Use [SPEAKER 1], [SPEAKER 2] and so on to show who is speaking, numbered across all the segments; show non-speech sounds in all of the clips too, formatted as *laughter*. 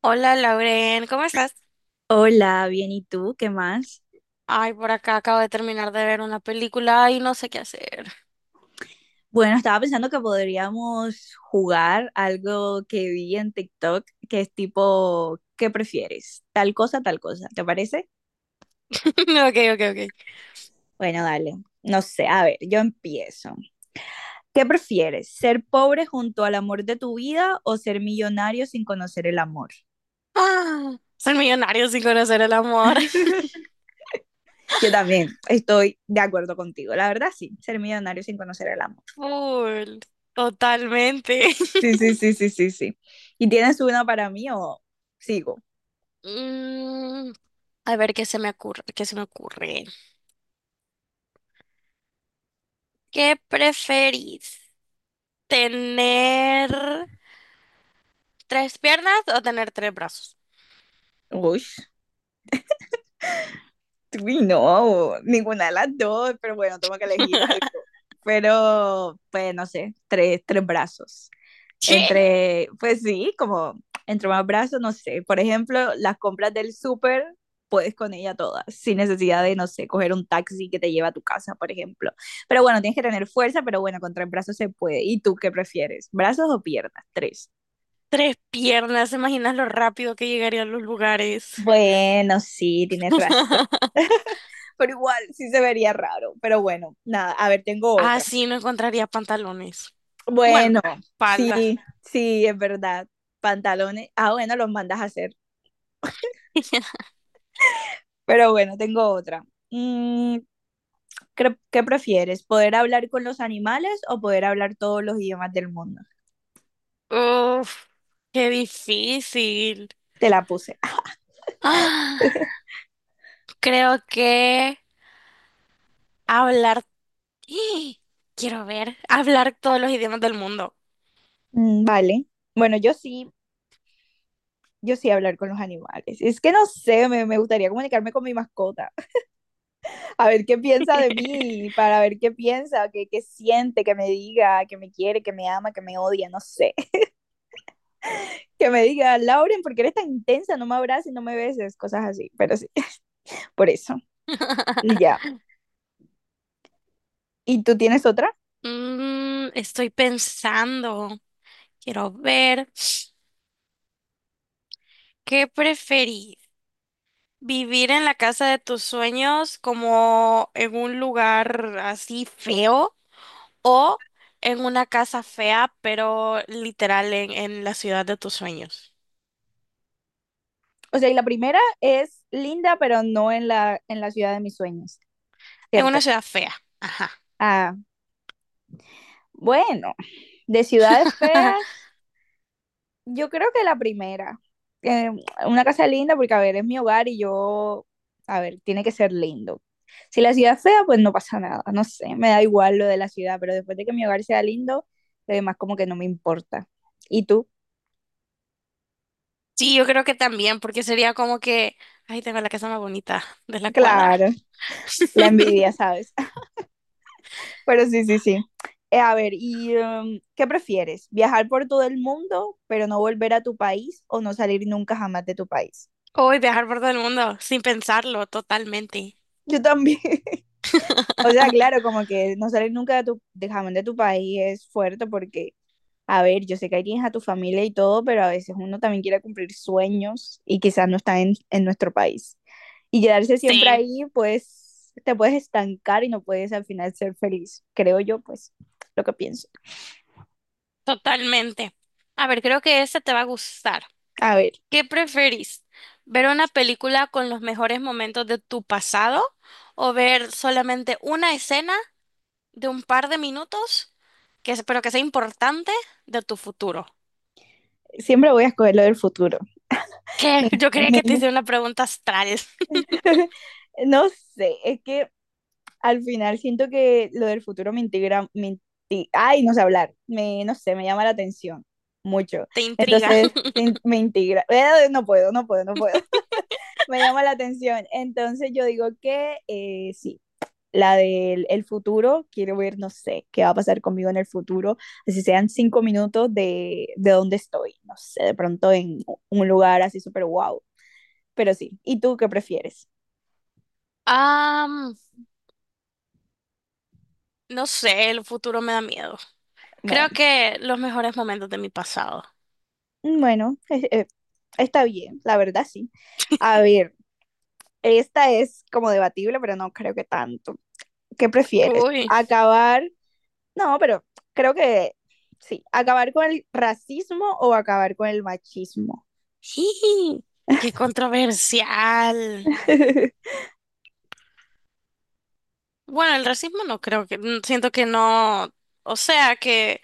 [SPEAKER 1] Hola Lauren, ¿cómo estás?
[SPEAKER 2] Hola, bien, ¿y tú? ¿Qué más?
[SPEAKER 1] Ay, por acá acabo de terminar de ver una película y no sé qué hacer.
[SPEAKER 2] Bueno, estaba pensando que podríamos jugar algo que vi en TikTok, que es tipo, ¿qué prefieres? Tal cosa, ¿te parece?
[SPEAKER 1] *laughs* Ok, ok, ok.
[SPEAKER 2] Bueno, dale. No sé, a ver, yo empiezo. ¿Qué prefieres? ¿Ser pobre junto al amor de tu vida o ser millonario sin conocer el amor?
[SPEAKER 1] Ah, ser millonario sin conocer el amor.
[SPEAKER 2] *laughs* Yo también estoy de acuerdo contigo, la verdad sí, ser millonario sin conocer el amor.
[SPEAKER 1] *laughs* Full, totalmente.
[SPEAKER 2] Sí,
[SPEAKER 1] *laughs*
[SPEAKER 2] sí, sí, sí, sí, sí. ¿Y tienes una para mí o sigo?
[SPEAKER 1] Mm, a ver qué se me ocurre, qué se me ocurre. ¿Qué preferís? ¿Tener tres piernas o tener tres brazos?
[SPEAKER 2] Uy. Uy, no, ninguna de las dos, pero bueno, tengo que elegir algo.
[SPEAKER 1] *laughs*
[SPEAKER 2] Pero, pues, no sé, tres brazos.
[SPEAKER 1] ¿Qué?
[SPEAKER 2] Entre, pues sí, como entre más brazos, no sé. Por ejemplo, las compras del súper, puedes con ella todas, sin necesidad de, no sé, coger un taxi que te lleva a tu casa, por ejemplo. Pero bueno, tienes que tener fuerza, pero bueno, con tres brazos se puede. ¿Y tú qué prefieres? ¿Brazos o piernas? Tres.
[SPEAKER 1] Tres piernas, ¿te imaginas lo rápido que llegaría a los lugares?
[SPEAKER 2] Bueno, sí, tienes razón.
[SPEAKER 1] *laughs*
[SPEAKER 2] Pero igual, sí se vería raro. Pero bueno, nada, a ver, tengo
[SPEAKER 1] Ah,
[SPEAKER 2] otra.
[SPEAKER 1] sí, no encontraría pantalones. Bueno,
[SPEAKER 2] Bueno,
[SPEAKER 1] falda.
[SPEAKER 2] sí, sí, es verdad. Pantalones. Ah, bueno, los mandas a hacer.
[SPEAKER 1] *laughs*
[SPEAKER 2] Pero bueno, tengo otra. Mm, ¿Qué prefieres? ¿Poder hablar con los animales o poder hablar todos los idiomas del mundo?
[SPEAKER 1] Uf, qué difícil.
[SPEAKER 2] Te la puse.
[SPEAKER 1] Ah, creo que hablar. *gasps* ¡Ih! Quiero ver, hablar todos los idiomas del mundo.
[SPEAKER 2] Mm, vale. Bueno, yo sí, yo sí hablar con los animales. Es que no sé, me gustaría comunicarme con mi mascota. *laughs* A ver qué piensa de mí, para ver qué piensa, qué siente, que me diga, que me quiere, que me ama, que me odia, no sé. Que me diga, Lauren, ¿por qué eres tan intensa? No me abraces, no me beses, cosas así, pero sí, *laughs* por eso. Y
[SPEAKER 1] *laughs*
[SPEAKER 2] ya. ¿Y tú tienes otra?
[SPEAKER 1] Estoy pensando, quiero ver, *gasps* ¿qué preferís? ¿Vivir en la casa de tus sueños como en un lugar así feo o en una casa fea, pero literal en la ciudad de tus sueños?
[SPEAKER 2] O sea, y la primera es linda, pero no en la ciudad de mis sueños,
[SPEAKER 1] En
[SPEAKER 2] ¿cierto?
[SPEAKER 1] una ciudad fea. Ajá.
[SPEAKER 2] Ah, bueno, de ciudades
[SPEAKER 1] *laughs*
[SPEAKER 2] feas, yo creo que la primera. Eh, una casa linda, porque a ver, es mi hogar y yo, a ver, tiene que ser lindo. Si la ciudad es fea, pues no pasa nada, no sé, me da igual lo de la ciudad, pero después de que mi hogar sea lindo, lo demás como que no me importa. ¿Y tú?
[SPEAKER 1] Sí, yo creo que también, porque sería como que, ay, tengo la casa más bonita de la cuadra.
[SPEAKER 2] Claro, la
[SPEAKER 1] *laughs*
[SPEAKER 2] envidia, ¿sabes? *laughs* Pero sí, sí, sí. A ver, ¿y qué prefieres? ¿Viajar por todo el mundo, pero no volver a tu país o no salir nunca jamás de tu país?
[SPEAKER 1] Hoy viajar por todo el mundo sin pensarlo totalmente.
[SPEAKER 2] Yo también. *laughs* O sea,
[SPEAKER 1] *laughs*
[SPEAKER 2] claro, como que no salir nunca de tu, de jamás de tu país es fuerte porque, a ver, yo sé que ahí tienes a tu familia y todo, pero a veces uno también quiere cumplir sueños y quizás no está en nuestro país. Y quedarse siempre
[SPEAKER 1] Sí,
[SPEAKER 2] ahí, pues te puedes estancar y no puedes al final ser feliz, creo yo, pues lo que pienso.
[SPEAKER 1] totalmente. A ver, creo que esta te va a gustar.
[SPEAKER 2] A ver,
[SPEAKER 1] ¿Qué preferís? ¿Ver una película con los mejores momentos de tu pasado o ver solamente una escena de un par de minutos, pero que sea importante, de tu futuro?
[SPEAKER 2] siempre voy a escoger lo del futuro.
[SPEAKER 1] ¿Qué? Yo quería que te
[SPEAKER 2] Tremendo.
[SPEAKER 1] hiciera una pregunta astral. *laughs*
[SPEAKER 2] *laughs* No sé, es que al final siento que lo del futuro me integra, ay, no sé hablar, no sé, me llama la atención mucho.
[SPEAKER 1] Te intriga.
[SPEAKER 2] Entonces
[SPEAKER 1] *laughs*
[SPEAKER 2] me integra, no puedo, no puedo, no puedo, *laughs* me llama la atención. Entonces yo digo que sí, la del el futuro, quiero ver, no sé, qué va a pasar conmigo en el futuro, así sean 5 minutos de dónde estoy, no sé, de pronto en un lugar así súper guau, pero sí. ¿Y tú qué prefieres?
[SPEAKER 1] Ah, no sé, el futuro me da miedo. Creo
[SPEAKER 2] Bueno,
[SPEAKER 1] que los mejores momentos de mi pasado.
[SPEAKER 2] bueno, está bien, la verdad sí. A ver, esta es como debatible, pero no creo que tanto. ¿Qué prefieres?
[SPEAKER 1] Uy,
[SPEAKER 2] ¿Acabar? No, pero creo que sí. ¿Acabar con el racismo o acabar con el machismo?
[SPEAKER 1] jiji, qué controversial.
[SPEAKER 2] *laughs*
[SPEAKER 1] Bueno, el racismo no creo que, siento que no, o sea, que,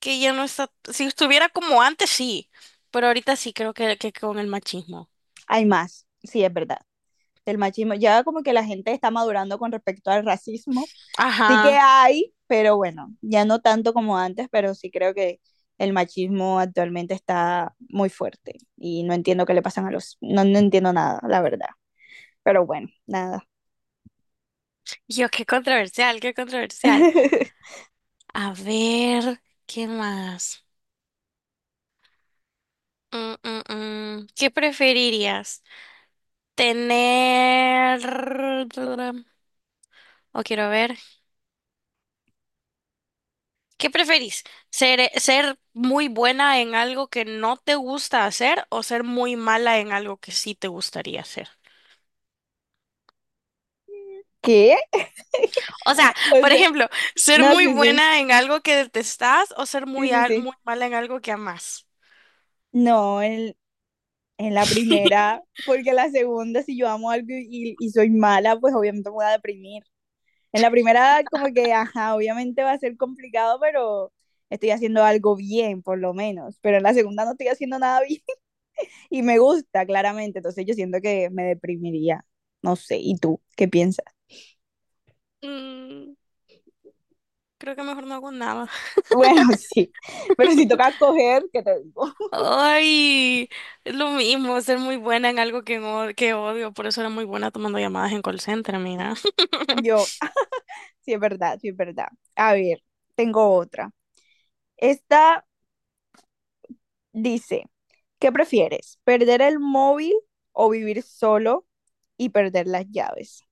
[SPEAKER 1] que ya no está, si estuviera como antes, sí, pero ahorita sí creo que con el machismo.
[SPEAKER 2] Hay más, sí, es verdad. El machismo, ya como que la gente está madurando con respecto al racismo. Sí que
[SPEAKER 1] Ajá.
[SPEAKER 2] hay, pero bueno, ya no tanto como antes, pero sí creo que el machismo actualmente está muy fuerte y no entiendo qué le pasan a los, no, no entiendo nada, la verdad. Pero bueno, nada.
[SPEAKER 1] Yo, qué controversial, qué controversial.
[SPEAKER 2] *laughs*
[SPEAKER 1] A ver, ¿qué más? Mm. ¿Qué preferirías? ¿Tener... O quiero ver. ¿Qué preferís? ¿Ser muy buena en algo que no te gusta hacer o ser muy mala en algo que sí te gustaría hacer?
[SPEAKER 2] ¿Qué?
[SPEAKER 1] O sea,
[SPEAKER 2] *laughs* O
[SPEAKER 1] por
[SPEAKER 2] sea,
[SPEAKER 1] ejemplo, ser
[SPEAKER 2] no,
[SPEAKER 1] muy
[SPEAKER 2] sí, sí,
[SPEAKER 1] buena en algo que detestás o ser
[SPEAKER 2] sí,
[SPEAKER 1] muy,
[SPEAKER 2] sí,
[SPEAKER 1] al- muy
[SPEAKER 2] sí.
[SPEAKER 1] mala en algo que amás.
[SPEAKER 2] No, en la
[SPEAKER 1] *laughs*
[SPEAKER 2] primera, porque la segunda, si yo amo algo y soy mala, pues obviamente me voy a deprimir. En la primera, como que, ajá, obviamente va a ser complicado, pero estoy haciendo algo bien, por lo menos. Pero en la segunda no estoy haciendo nada bien, *laughs* y me gusta, claramente. Entonces yo siento que me deprimiría. No sé, ¿y tú qué piensas?
[SPEAKER 1] Mm, Creo que mejor no hago nada.
[SPEAKER 2] Bueno, *laughs* sí, pero si toca coger, ¿qué te digo?
[SPEAKER 1] Ay, es lo mismo, ser muy buena en algo que, no- que odio, por eso era muy buena tomando llamadas en call center, mira. *laughs*
[SPEAKER 2] Yo, ah, sí es verdad, sí es verdad. A ver, tengo otra. Esta dice, ¿qué prefieres? ¿Perder el móvil o vivir solo y perder las llaves?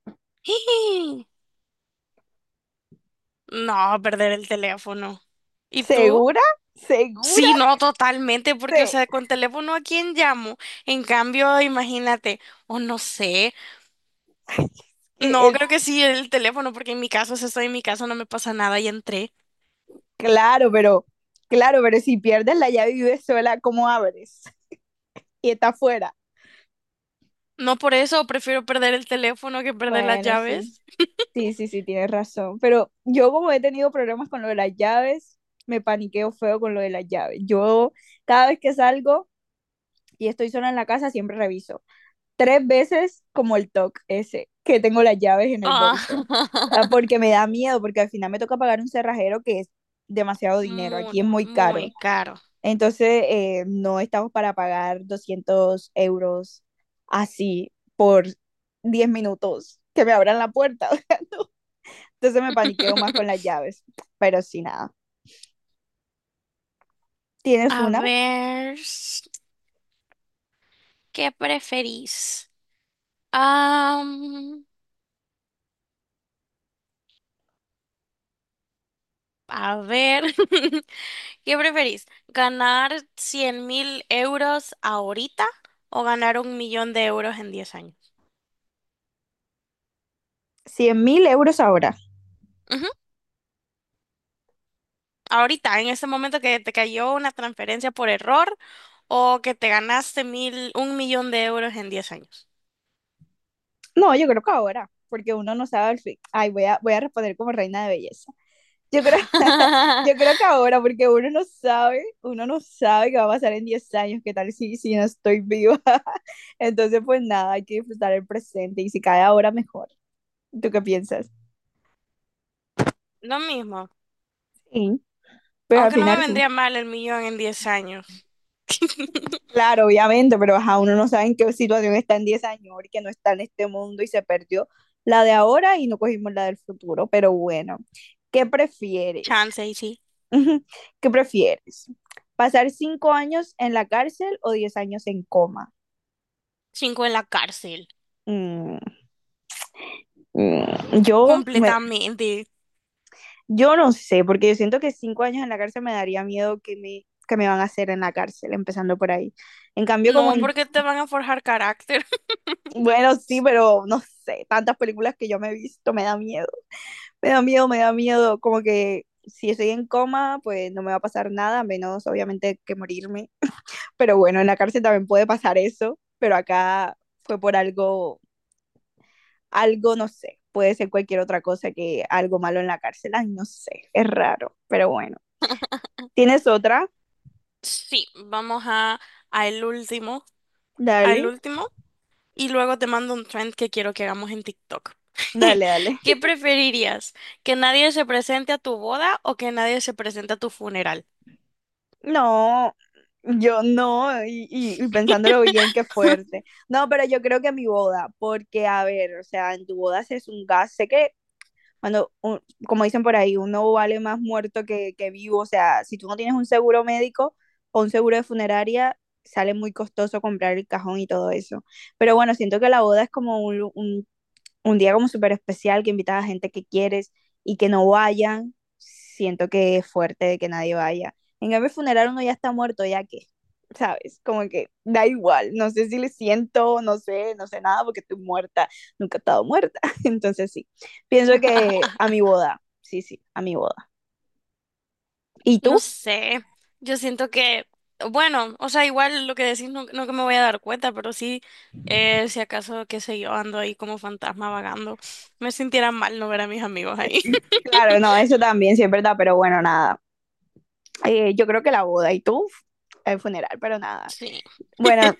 [SPEAKER 1] No, perder el teléfono. ¿Y tú?
[SPEAKER 2] ¿Segura? ¿Segura?
[SPEAKER 1] Sí, no, totalmente, porque, o
[SPEAKER 2] Sí.
[SPEAKER 1] sea, con teléfono a quién llamo. En cambio, imagínate, o no sé. No,
[SPEAKER 2] *laughs* Es,
[SPEAKER 1] creo que sí, el teléfono, porque en mi caso, si estoy en mi casa, no me pasa nada y entré.
[SPEAKER 2] claro, pero claro, pero si pierdes la llave y vives sola, ¿cómo abres? Y está afuera.
[SPEAKER 1] No por eso, prefiero perder el teléfono que perder las
[SPEAKER 2] Bueno, sí.
[SPEAKER 1] llaves. *laughs*
[SPEAKER 2] Sí, sí, sí, tienes razón. Pero yo como he tenido problemas con lo de las llaves, me paniqueo feo con lo de las llaves. Yo cada vez que salgo y estoy sola en la casa, siempre reviso. Tres veces como el TOC ese, que tengo las llaves en el
[SPEAKER 1] Ah,
[SPEAKER 2] bolso. Ah. Porque
[SPEAKER 1] *laughs*
[SPEAKER 2] me da miedo, porque al final me toca pagar un cerrajero que es demasiado dinero.
[SPEAKER 1] muy,
[SPEAKER 2] Aquí es muy caro.
[SPEAKER 1] muy caro.
[SPEAKER 2] Entonces, no estamos para pagar 200 euros así por 10 minutos que me abran la puerta. *laughs* Entonces me paniqueo más con
[SPEAKER 1] *laughs*
[SPEAKER 2] las llaves. Pero sí, nada. ¿Tienes
[SPEAKER 1] A
[SPEAKER 2] una?
[SPEAKER 1] ver, ¿qué preferís? Am, a ver, *laughs* ¿qué preferís? ¿Ganar 100.000 € ahorita o ganar un millón de euros en 10 años?
[SPEAKER 2] 100 000 euros ahora.
[SPEAKER 1] Ujú, ahorita, en este momento que te cayó una transferencia por error o que te ganaste un millón de euros en 10 años.
[SPEAKER 2] No, yo creo que ahora, porque uno no sabe el fin. Ay, voy a responder como reina de belleza. Yo creo, *laughs* yo
[SPEAKER 1] *laughs*
[SPEAKER 2] creo que ahora, porque uno no sabe qué va a pasar en 10 años, qué tal si, si no estoy viva. *laughs* Entonces, pues nada, hay que disfrutar el presente y si cae ahora, mejor. ¿Tú qué piensas?
[SPEAKER 1] Lo mismo,
[SPEAKER 2] Sí. Pues al
[SPEAKER 1] aunque no me
[SPEAKER 2] final, sí.
[SPEAKER 1] vendría mal el millón en 10 años.
[SPEAKER 2] Claro, obviamente, pero ajá, uno no sabe en qué situación está en 10 años, que no está en este mundo y se perdió la de ahora y no cogimos la del futuro. Pero bueno, ¿qué prefieres?
[SPEAKER 1] Chance y sí.
[SPEAKER 2] *laughs* Ujú. ¿Qué prefieres? ¿Pasar 5 años en la cárcel o 10 años en coma?
[SPEAKER 1] Cinco en la cárcel.
[SPEAKER 2] Mm, mm, yo, me,
[SPEAKER 1] Completamente.
[SPEAKER 2] yo no sé, porque yo siento que 5 años en la cárcel me daría miedo que me van a hacer en la cárcel, empezando por ahí. En cambio, como
[SPEAKER 1] No,
[SPEAKER 2] en,
[SPEAKER 1] porque te van a forjar carácter. *laughs*
[SPEAKER 2] bueno, sí, pero no sé, tantas películas que yo me he visto me da miedo. Me da miedo, me da miedo, como que si estoy en coma, pues no me va a pasar nada, menos obviamente que morirme. Pero bueno, en la cárcel también puede pasar eso, pero acá fue por algo, algo, no sé, puede ser cualquier otra cosa que algo malo en la cárcel, ay, no sé, es raro, pero bueno. ¿Tienes otra?
[SPEAKER 1] Sí, vamos a el último,
[SPEAKER 2] Dale,
[SPEAKER 1] al último, y luego te mando un trend que quiero que hagamos en TikTok. *laughs*
[SPEAKER 2] dale, dale.
[SPEAKER 1] ¿Qué preferirías? ¿Que nadie se presente a tu boda o que nadie se presente a tu funeral?
[SPEAKER 2] No, yo no, y pensándolo bien, qué
[SPEAKER 1] *laughs*
[SPEAKER 2] fuerte. No, pero yo creo que mi boda, porque a ver, o sea, en tu boda se es un gas, sé que cuando, como dicen por ahí, uno vale más muerto que vivo, o sea, si tú no tienes un seguro médico o un seguro de funeraria, sale muy costoso comprar el cajón y todo eso. Pero bueno, siento que la boda es como un, un día como súper especial, que invitas a gente que quieres y que no vayan, siento que es fuerte de que nadie vaya. En cambio, el funeral uno ya está muerto, ya que, ¿sabes? Como que da igual, no sé si le siento, no sé, no sé nada porque estoy muerta, nunca he estado muerta. *laughs* Entonces sí, pienso que a mi boda, sí, sí, a mi boda. ¿Y
[SPEAKER 1] No
[SPEAKER 2] tú?
[SPEAKER 1] sé, yo siento que, bueno, o sea, igual lo que decís no, no que me voy a dar cuenta, pero sí, si acaso, qué sé yo, ando ahí como fantasma vagando, me sintiera mal no ver a mis amigos ahí.
[SPEAKER 2] Claro, no, eso también, sí es verdad, pero bueno, nada. Yo creo que la boda y tú, el funeral, pero nada.
[SPEAKER 1] *laughs* Sí.
[SPEAKER 2] Bueno,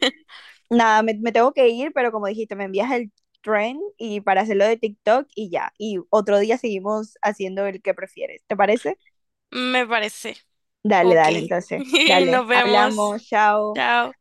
[SPEAKER 2] nada, me tengo que ir, pero como dijiste, me envías el trend y para hacerlo de TikTok y ya. Y otro día seguimos haciendo el que prefieres. ¿Te parece?
[SPEAKER 1] Me parece.
[SPEAKER 2] Dale,
[SPEAKER 1] Ok.
[SPEAKER 2] dale, entonces.
[SPEAKER 1] *laughs*
[SPEAKER 2] Dale.
[SPEAKER 1] Nos vemos.
[SPEAKER 2] Hablamos, chao.
[SPEAKER 1] Chao.